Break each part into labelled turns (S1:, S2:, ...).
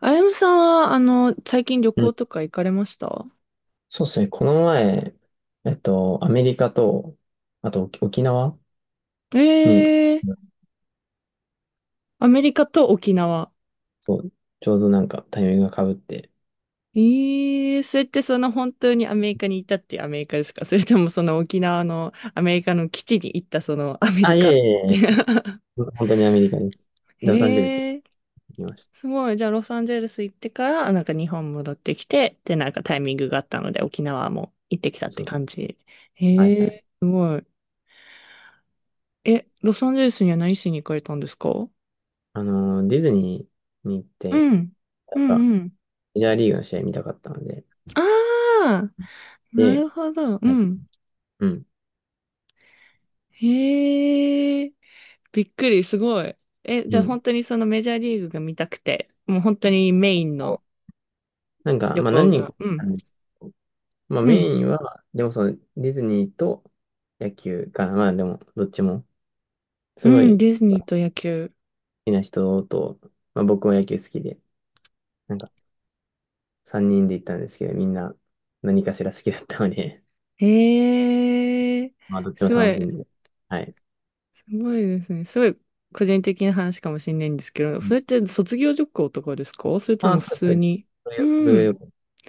S1: あやむさんは、最近旅
S2: うん、
S1: 行とか行かれました？
S2: そうですね。この前、アメリカと、あと沖縄
S1: え
S2: に、
S1: えー、
S2: うん、
S1: アメリカと沖縄。
S2: そう、ちょうどなんかタイミングが被って。
S1: ええー、それってその本当にアメリカにいたっていうアメリカですか？ それともその沖縄のアメリカの基地に行ったそのアメ
S2: あ、
S1: リ
S2: いえ
S1: カっ
S2: いえ
S1: て？
S2: いえ、本当にアメリカです。ロサンゼルスに
S1: へえ、
S2: 行きました。
S1: すごい。じゃあロサンゼルス行ってから、なんか日本戻ってきて、で、なんかタイミングがあったので沖縄も行ってきた
S2: そ
S1: っ
S2: うそ
S1: て
S2: う。
S1: 感じ。
S2: はい
S1: え
S2: は
S1: え
S2: い。
S1: すごい。え、ロサンゼルスには何しに行かれたんですか？う
S2: ディズニーに行って、
S1: ん。
S2: や
S1: う
S2: っぱ
S1: んうん。
S2: メジャーリーグの試合見たかったので、
S1: ああ、な
S2: で、
S1: るほど。う
S2: はい。
S1: ん。
S2: うん、
S1: へえ、びっくり、すごい。え、じ
S2: う
S1: ゃあ本
S2: ん。
S1: 当にそのメジャーリーグが見たくて、もう本当にメインの
S2: なんか、
S1: 旅
S2: まあ
S1: 行
S2: 何人
S1: が。
S2: か行っ
S1: う
S2: た
S1: ん。
S2: んですけど、まあ
S1: う
S2: メ
S1: ん。
S2: インは、でもそのディズニーと野球かな、まあでもどっちも、す
S1: う
S2: ご
S1: ん、
S2: い、
S1: ディズニーと野球。
S2: きな人と、まあ、僕は野球好きで、なんか3人で行ったんですけど、みんな何かしら好きだったので、
S1: へえ、
S2: まあどっちも
S1: すご
S2: 楽しん
S1: い、
S2: で。はい。
S1: すごいですね。すごい個人的な話かもしれないんですけど、
S2: う
S1: そ
S2: ん。
S1: れって卒業旅行とかですか、それと
S2: あ、
S1: も普
S2: そう
S1: 通
S2: です。
S1: に。
S2: それが、それ
S1: う
S2: が
S1: ん。
S2: よく。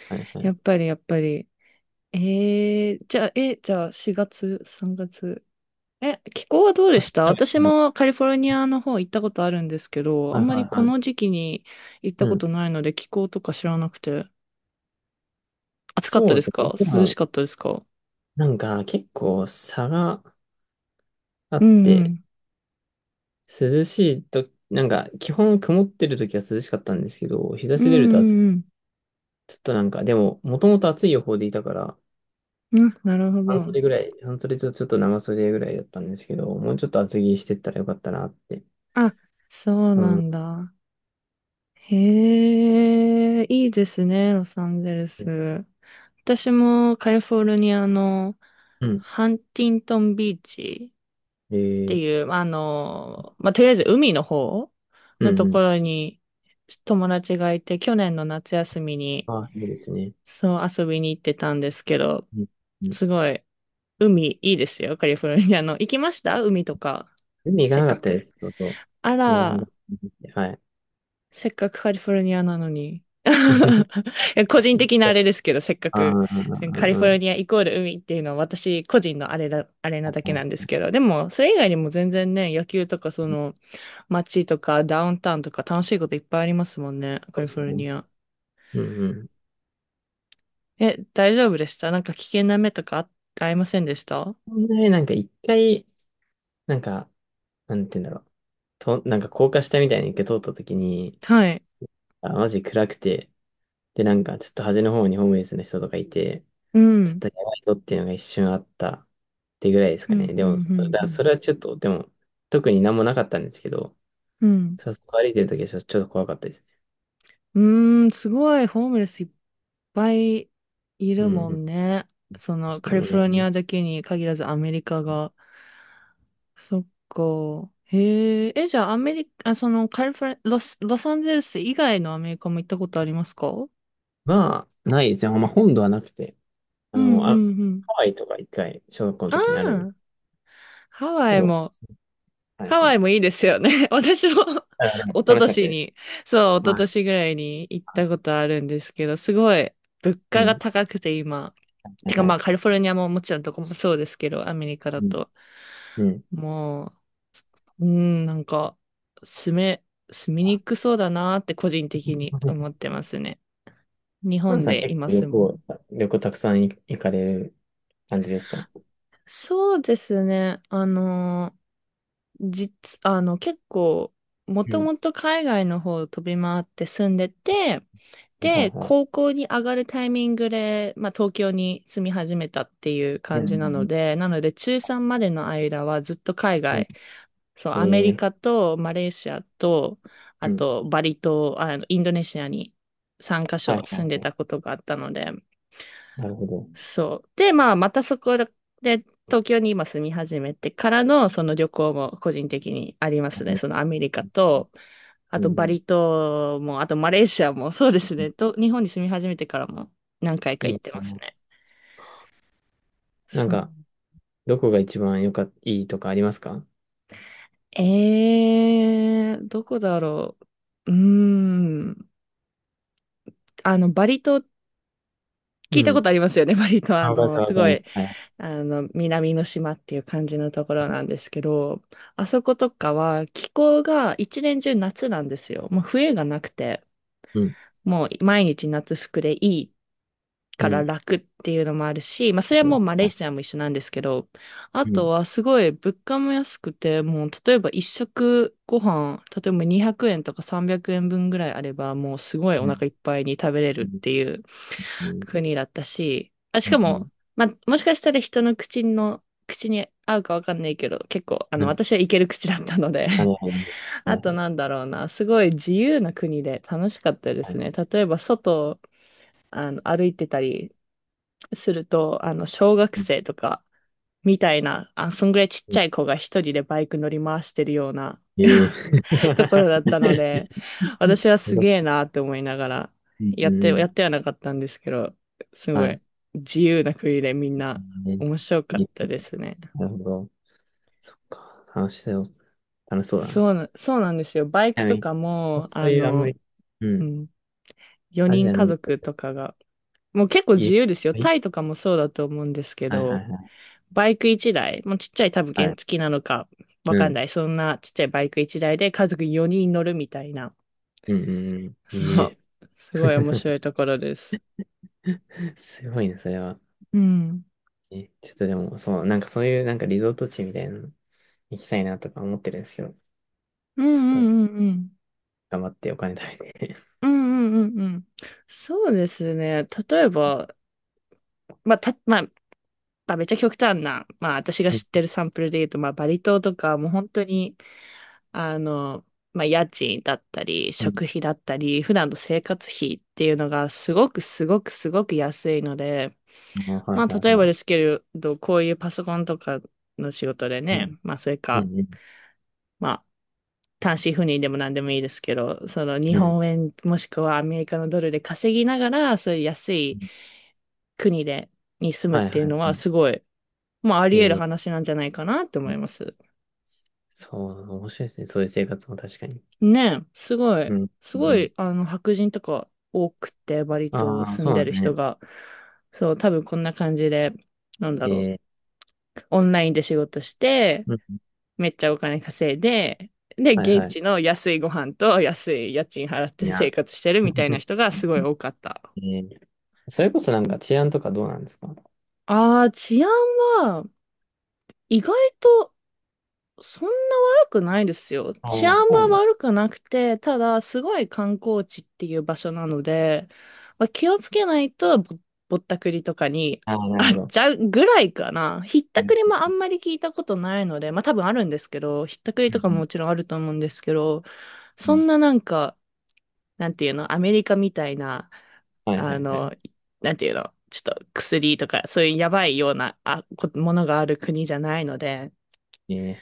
S2: はいは
S1: や
S2: い。
S1: っぱり、やっぱり。えー、じゃあ、え、じゃあ、4月、3月、え、気候はどうでした？
S2: はい
S1: 私
S2: は
S1: もカリフォルニアの方行ったことあるんですけど、
S2: い
S1: あ
S2: は
S1: ん
S2: い
S1: まりこ
S2: は
S1: の
S2: い。
S1: 時期に行った
S2: う
S1: こ
S2: ん。
S1: とないので気候とか知らなくて。暑かった
S2: そう
S1: です
S2: ですね。
S1: か、
S2: で
S1: 涼し
S2: も、
S1: かったですか？
S2: なんか結構差があ
S1: う
S2: っ
S1: んう
S2: て、
S1: ん。
S2: 涼しいと、なんか基本曇ってる時は涼しかったんですけど、日差
S1: うん
S2: し
S1: う
S2: 出ると暑い
S1: んうん。
S2: ちょっとなんか、でも、もともと暑い予報でいたから、
S1: うん、なるほ
S2: 半
S1: ど。
S2: 袖ぐらい、半袖とちょっと長袖ぐらいだったんですけど、もうちょっと厚着してったらよかったなって。
S1: あ、そう
S2: う
S1: な
S2: ん。
S1: んだ。へえ、いいですね、ロサンゼルス。私もカリフォルニアの
S2: うん。
S1: ハンティントンビーチ
S2: え
S1: って
S2: ー、
S1: いう、まあの、まあ、とりあえず海の方
S2: う
S1: の
S2: ん
S1: と
S2: う
S1: こ
S2: ん。
S1: ろに友達がいて、去年の夏休みに、
S2: あ、いいですね。
S1: そう遊びに行ってたんですけど、
S2: うん。うん。
S1: すごい、海いいですよ、カリフォルニアの。行きました海とか？
S2: 海行か
S1: せっ
S2: な
S1: か
S2: かったで
S1: く。
S2: す。そうそ
S1: あ
S2: う。ならな
S1: ら、
S2: かったはい。
S1: せっかくカリフォルニアなのに。いや、個人的なあれですけど、せっか
S2: あ
S1: く
S2: あ、
S1: カリフォルニアイコール海っていうのは私個人のあれだ、あれな
S2: は
S1: だけなんで
S2: い。
S1: すけど、でもそれ以外にも全然ね、野球とかその街とかダウンタウンとか楽しいこといっぱいありますもんね、
S2: そ
S1: カ
S2: うで
S1: リ
S2: す
S1: フォル
S2: ね。
S1: ニア。
S2: うんうん。
S1: え、大丈夫でした？なんか危険な目とかあ、ありませんでした？
S2: こんなになんか一回、なんか、なんて言うんだろう。と、なんか高架下みたいに一回通った時に、
S1: はい。
S2: あ、マジ暗くて、で、なんかちょっと端の方にホームレスの人とかいて、
S1: う
S2: ちょっ
S1: ん。
S2: とやばいぞっていうのが一瞬あったってぐらいです
S1: う
S2: か
S1: ん、
S2: ね。
S1: うん、う
S2: でも、
S1: ん、
S2: それはちょっと、でも、特に何もなかったんですけど、
S1: うん。
S2: そこ歩いてるときはちょっと怖かったですね。
S1: うん。うーん、すごい、ホームレスいっぱいい
S2: うん、
S1: るも
S2: うん。
S1: んね。そ
S2: で
S1: の、
S2: した
S1: カリフォルニ
S2: ね。
S1: アだけに限らずアメリカが。そっか。へえ、え、じゃあアメリカ、あ、その、カリフォル、ロス、ロサンゼルス以外のアメリカも行ったことありますか？うん、
S2: まあ、ないですね。まあ、本土はなくて、あ
S1: う
S2: の、
S1: ん、う
S2: あ、
S1: ん。
S2: ハワイとか一回、小学校の
S1: あ
S2: 時にあるんです
S1: あ、ハワ
S2: け
S1: イ
S2: ど、
S1: も。
S2: はい
S1: ハ
S2: は
S1: ワイも
S2: い。
S1: いいですよね。私も
S2: あ、で も
S1: 一昨
S2: 楽しかった
S1: 年
S2: です。
S1: に、そう、一昨
S2: はい。
S1: 年ぐらいに行ったことあるんですけど、すごい物
S2: う
S1: 価が
S2: ん。
S1: 高くて今。
S2: はい
S1: てか、
S2: は
S1: ま
S2: い。
S1: あカリフォルニアももちろんどこもそうですけど、アメリカだ
S2: うん。
S1: と。
S2: うん。
S1: もう、うん、なんか、住め、住みにくそうだなって個人的に思っ てますね。日
S2: ハン
S1: 本
S2: さん
S1: で
S2: 結
S1: 今
S2: 構旅
S1: 住む。
S2: 行、たくさん行かれる感じですか？
S1: そうですね。実、結構、も
S2: う
S1: と
S2: ん。
S1: もと海外の方を飛び回って住んでて、
S2: はい
S1: で、
S2: は
S1: 高校に上がるタイミングで、まあ、東京に住み始めたっていう
S2: い。う
S1: 感じなの
S2: ん。
S1: で、なので、中3までの間はずっと海
S2: うん。
S1: 外、そう、アメ
S2: え
S1: リカ
S2: ー
S1: とマレーシアと、あ
S2: うん。
S1: と、バリ島、あの、インドネシアに3カ
S2: は
S1: 所
S2: いは
S1: 住んで
S2: い。
S1: たことがあったので、
S2: なるほど。
S1: そう。で、まあ、またそこで、東京に今住み始めてからの、その旅行も個人的にありますね。そのアメリカと、あ
S2: う
S1: とバ
S2: ん。
S1: リ島も、あとマレーシアも、そうですね。と、日本に住み始めてからも何回か
S2: い
S1: 行
S2: い
S1: ってま
S2: か
S1: す
S2: な。
S1: ね。
S2: なん
S1: そう。
S2: か、どこが一番良かっいいとかありますか？
S1: えー、どこだろう。うーん。あの、バリ島、
S2: う
S1: 聞いたこ
S2: ん。
S1: とありますよね。バリ島。あ
S2: あ、わ
S1: の、
S2: かります、
S1: す
S2: わか
S1: ご
S2: りま
S1: い、
S2: す。はい。
S1: あの、南の島っていう感じのところなんですけど、あそことかは気候が一年中夏なんですよ。もう冬がなくて、
S2: うん。
S1: もう毎日夏服でいい
S2: う
S1: から
S2: ん。
S1: 楽っていうのもあるし、まあ、それはもうマレー
S2: あ
S1: シアも一緒なんですけど、あ
S2: う
S1: と
S2: ん。
S1: はすごい物価も安くて、もう例えば一食ご飯、例えば200円とか300円分ぐらいあれば、もうすごい
S2: う
S1: お
S2: ん。
S1: 腹いっぱいに食べれる
S2: う
S1: っ
S2: ん。
S1: ていう
S2: うん。
S1: 国だったし、あ、し
S2: う
S1: かも、
S2: ん。
S1: まあ、もしかしたら人の口の、口に合うかわかんないけど、結構、あ
S2: う
S1: の、
S2: ん。
S1: 私はいける口だったので、
S2: なるほど。な
S1: あ
S2: るほ
S1: と
S2: ど。
S1: なんだろうな、すごい自由な国で楽しかったで
S2: は
S1: す
S2: い。
S1: ね。例えば外、あの、歩いてたりすると、あの、小学
S2: うん。
S1: 生とか、みたいな、あ、そんぐらいちっ
S2: う
S1: ちゃい
S2: ん
S1: 子が一人でバイク乗り回してるような
S2: ええ す
S1: ところだったので、私はす
S2: ご
S1: げ
S2: い
S1: えなって思いながら、
S2: うん
S1: やって、
S2: う
S1: や
S2: ん。
S1: ってはなかったんですけど、す
S2: は
S1: ごい
S2: い。
S1: 自由な国でみんな
S2: ね。
S1: 面白か
S2: い
S1: っ
S2: い。
S1: たですね。
S2: なるほど。そっか。楽しそう。楽しそうだな。
S1: そう
S2: ち
S1: な、そうなんですよ。バイク
S2: なみ
S1: と
S2: に、
S1: かも、
S2: そ
S1: あ
S2: ういうあんま
S1: の、
S2: り、う
S1: う
S2: ん。
S1: ん、
S2: ア
S1: 4
S2: ジ
S1: 人
S2: アの
S1: 家
S2: 旅行
S1: 族とかが、もう結構
S2: い
S1: 自
S2: え、
S1: 由ですよ。
S2: はい
S1: タイとかもそうだと思うんですけ
S2: はいは
S1: ど、
S2: いは
S1: バイク一台、もうちっちゃい多分
S2: い。
S1: 原
S2: は
S1: 付
S2: い
S1: なのかわ
S2: う
S1: かん
S2: ん。
S1: ない。そんなちっちゃいバイク一台で家族4人乗るみたいな。
S2: うんうんうん。
S1: そ
S2: い
S1: う。
S2: え。
S1: すごい面白い ところです。
S2: すごいね、それは。
S1: うん。
S2: え、ちょっとでも、そう、なんかそういうなんかリゾート地みたいなの行きたいなとか思ってるんですけど、
S1: うんう
S2: ちょっと
S1: んうんうん。
S2: 頑張ってお金貯めて。
S1: うんうんうんうん。そうですね。例えば、まあ、た、まあ、まあ、めっちゃ極端な、まあ、私 が
S2: う
S1: 知って
S2: ん。
S1: るサンプルで言うと、まあ、バリ島とか、もう本当に、あの、まあ、家賃だったり、
S2: うん。
S1: 食費だったり、普段の生活費っていうのがすごくすごくすごく安いので、
S2: あ、はい
S1: まあ、
S2: はい
S1: 例え
S2: は
S1: ば
S2: い。
S1: ですけど、こういうパソコンとかの仕事で
S2: うん。
S1: ね、まあ、それ
S2: う
S1: か、
S2: んうん。
S1: まあ、単身赴任でも何でもいいですけど、その日
S2: うん。
S1: 本円もしくはアメリカのドルで稼ぎながら、そういう安
S2: う
S1: い
S2: ん
S1: 国で、に住むっ
S2: はいは
S1: ていう
S2: い
S1: のは
S2: は
S1: すごい、まあ、あり
S2: い。
S1: 得る
S2: え
S1: 話なんじゃないかなって思
S2: ー、
S1: います。
S2: そう、面白いですね。そういう生活も確かに。
S1: ねえ、すごい、
S2: うん。
S1: すご
S2: うん。
S1: い、あの、白人とか多くて、バリ
S2: あ
S1: 島
S2: あ、
S1: 住
S2: そ
S1: ん
S2: うな
S1: で
S2: んで
S1: る
S2: す
S1: 人
S2: ね。
S1: が、そう、多分こんな感じで、なんだ
S2: え
S1: ろう、
S2: ー、
S1: オンラインで仕事して、
S2: うん。
S1: めっちゃお金稼いで、で、
S2: はい
S1: 現
S2: はい。
S1: 地の安いご飯と安い家賃払っ
S2: い
S1: て生
S2: や。
S1: 活してるみたいな 人がすごい多かった。
S2: えーそれこそなんか治安とかどうなんですか？
S1: ああ、治安は、意外とそんな悪くないですよ。
S2: あ
S1: 治安
S2: あそう
S1: は
S2: なんだ
S1: 悪くなくて、ただ、すごい観光地っていう場所なので、まあ、気をつけないとぼ、ぼったくりとかに
S2: ああ、なる
S1: あ
S2: ほ
S1: あっ
S2: ど。
S1: ちゃうぐらいかな。ひっ
S2: う
S1: た
S2: ん
S1: くりもあんまり聞いたことないので、まあ多分あるんですけど、ひったくり
S2: う
S1: とかも
S2: ん
S1: もちろんあると思うんですけど、
S2: う
S1: そ
S2: ん
S1: んななんか、なんていうの、アメリカみたいな、
S2: はいは
S1: あ
S2: いは
S1: の、
S2: い。
S1: なんていうの、ちょっと薬とか、そういうやばいようなあこものがある国じゃないので、
S2: ええ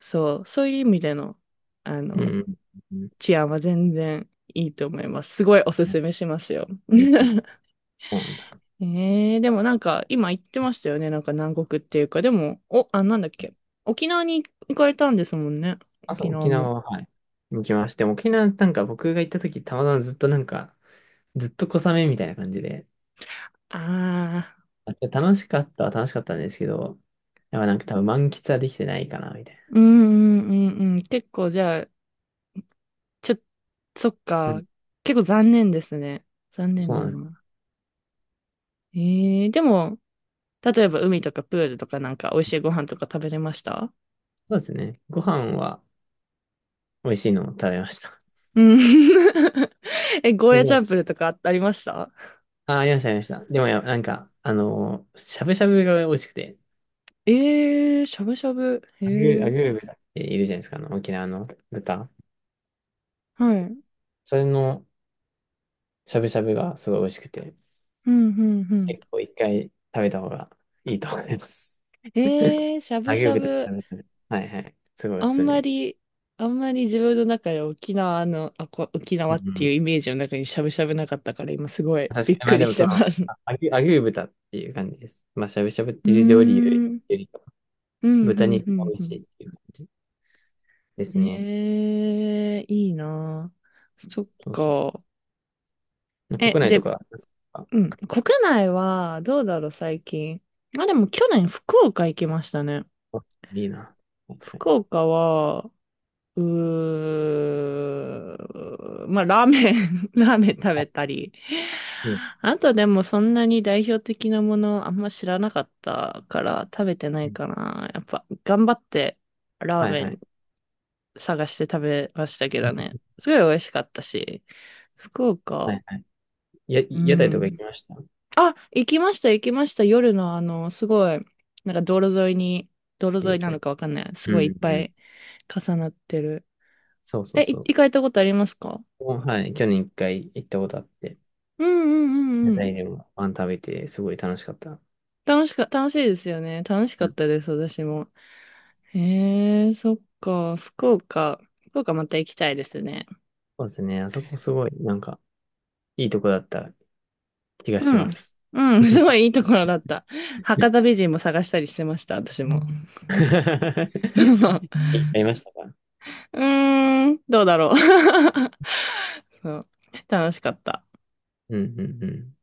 S1: そう、そういう意味での、あ
S2: うんう
S1: の、
S2: んうん
S1: 治安は全然いいと思います。すごいおすすめしますよ。
S2: うん そうなんだ。
S1: えー、でもなんか、今言ってましたよね。なんか南国っていうか、でも、お、あ、なんだっけ。沖縄に行かれたんですもんね。
S2: あ、そ
S1: 沖
S2: う、
S1: 縄
S2: 沖
S1: も。
S2: 縄は、はい。行きまして、沖縄なんか僕が行った時、たまたまずっとなんか、ずっと小雨みたいな感じで、
S1: ああ、
S2: あ、楽しかったは楽しかったんですけど、やっぱなんか多分満喫はできてないかな、みたい
S1: うんうんうんうん。結構じゃあ、ちょ、そっ
S2: な。う
S1: か。
S2: ん、
S1: 結構残念ですね。残
S2: そ
S1: 念
S2: うなん
S1: だ
S2: です。
S1: な。えー、でも、例えば海とかプールとかなんか美味しいご飯とか食べれました？
S2: そうですね。ご飯は美味しいのを食べました。
S1: うん。 え、ゴーヤチャンプ ルとかあありました？
S2: あ、ありました、ありました。でも、なんか、しゃぶしゃぶが美味しくて、
S1: えー、しゃぶしゃぶ。へ
S2: ア
S1: え。
S2: グー豚っているじゃないですか、沖縄の豚。
S1: はい。うん、
S2: それのしゃぶしゃぶがすごい美味しくて、
S1: うん、うん。
S2: 結構一回食べた方がいいと思います。
S1: えー、しゃ
S2: ア
S1: ぶし
S2: グー
S1: ゃ
S2: 豚のし
S1: ぶ。
S2: ゃぶしゃぶ。はいはい。すごいお
S1: あ
S2: す
S1: ん
S2: す
S1: ま
S2: め。
S1: り、あんまり自分の中で沖縄の、あ、こ、沖縄
S2: う
S1: っ
S2: んう
S1: ていう
S2: ん。
S1: イメージの中にしゃぶしゃぶなかったから、今すごい
S2: 確
S1: び
S2: か
S1: っ
S2: に、ま
S1: く
S2: あ
S1: り
S2: でも
S1: し
S2: そ
S1: て
S2: の、
S1: ます。う
S2: アグー豚っていう感じです。まあ、しゃぶしゃぶっ
S1: ー
S2: ていう料理
S1: ん。
S2: よりかは
S1: うん、う
S2: 豚
S1: ん、
S2: 肉
S1: う
S2: が
S1: ん、
S2: 美
S1: う
S2: 味し
S1: ん。
S2: いっていう感じですね。
S1: えー、いいなあ、そっ
S2: そうそ
S1: か。
S2: う。
S1: え、
S2: 国内と
S1: で、
S2: か、
S1: うん。国内は、どうだろう、最近。あ、でも去年、福岡行きましたね。
S2: いいな。はい
S1: 福岡は、うー、まあ、ラーメン ラーメン食
S2: は
S1: べたり。
S2: い
S1: あとでもそんなに代表的なものあんま知らなかったから食べてな
S2: う
S1: い
S2: ん
S1: かな。やっぱ頑張ってラー
S2: はい
S1: メ
S2: は
S1: ン
S2: い。
S1: 探して食べましたけどね。すごい美味しかったし。福
S2: は
S1: 岡、
S2: いはい。
S1: う
S2: 屋台とか行
S1: ん。
S2: きました。い
S1: あ、行きました、行きました。夜のあの、すごい、なんか道路沿いに、道路
S2: いで
S1: 沿い
S2: す
S1: なの
S2: ね。
S1: かわかんない。すご
S2: う
S1: いいっ
S2: ん
S1: ぱ
S2: うん。
S1: い重なってる。
S2: そうそう
S1: え、い
S2: そう。
S1: 行かれたことありますか？
S2: はい。去年一回行ったことあって、
S1: うんうんう
S2: 屋
S1: んうん。
S2: 台でもパン食べて、すごい楽しかった。
S1: 楽しか、楽しいですよね。楽しか
S2: う
S1: っ
S2: ん。
S1: たです、私も。へえ、そっか。福岡。福岡また行きたいですね。
S2: そうですね。あそこすごい、なんか、いいとこだった気がし
S1: う
S2: ま
S1: ん。
S2: す。
S1: うん、すご いいいところだった。
S2: い
S1: 博
S2: っ
S1: 多美人も探したりしてました、私も。うん。
S2: ぱいいましたか？
S1: うーん、どうだろう。そう、楽しかった。
S2: うんうんうん。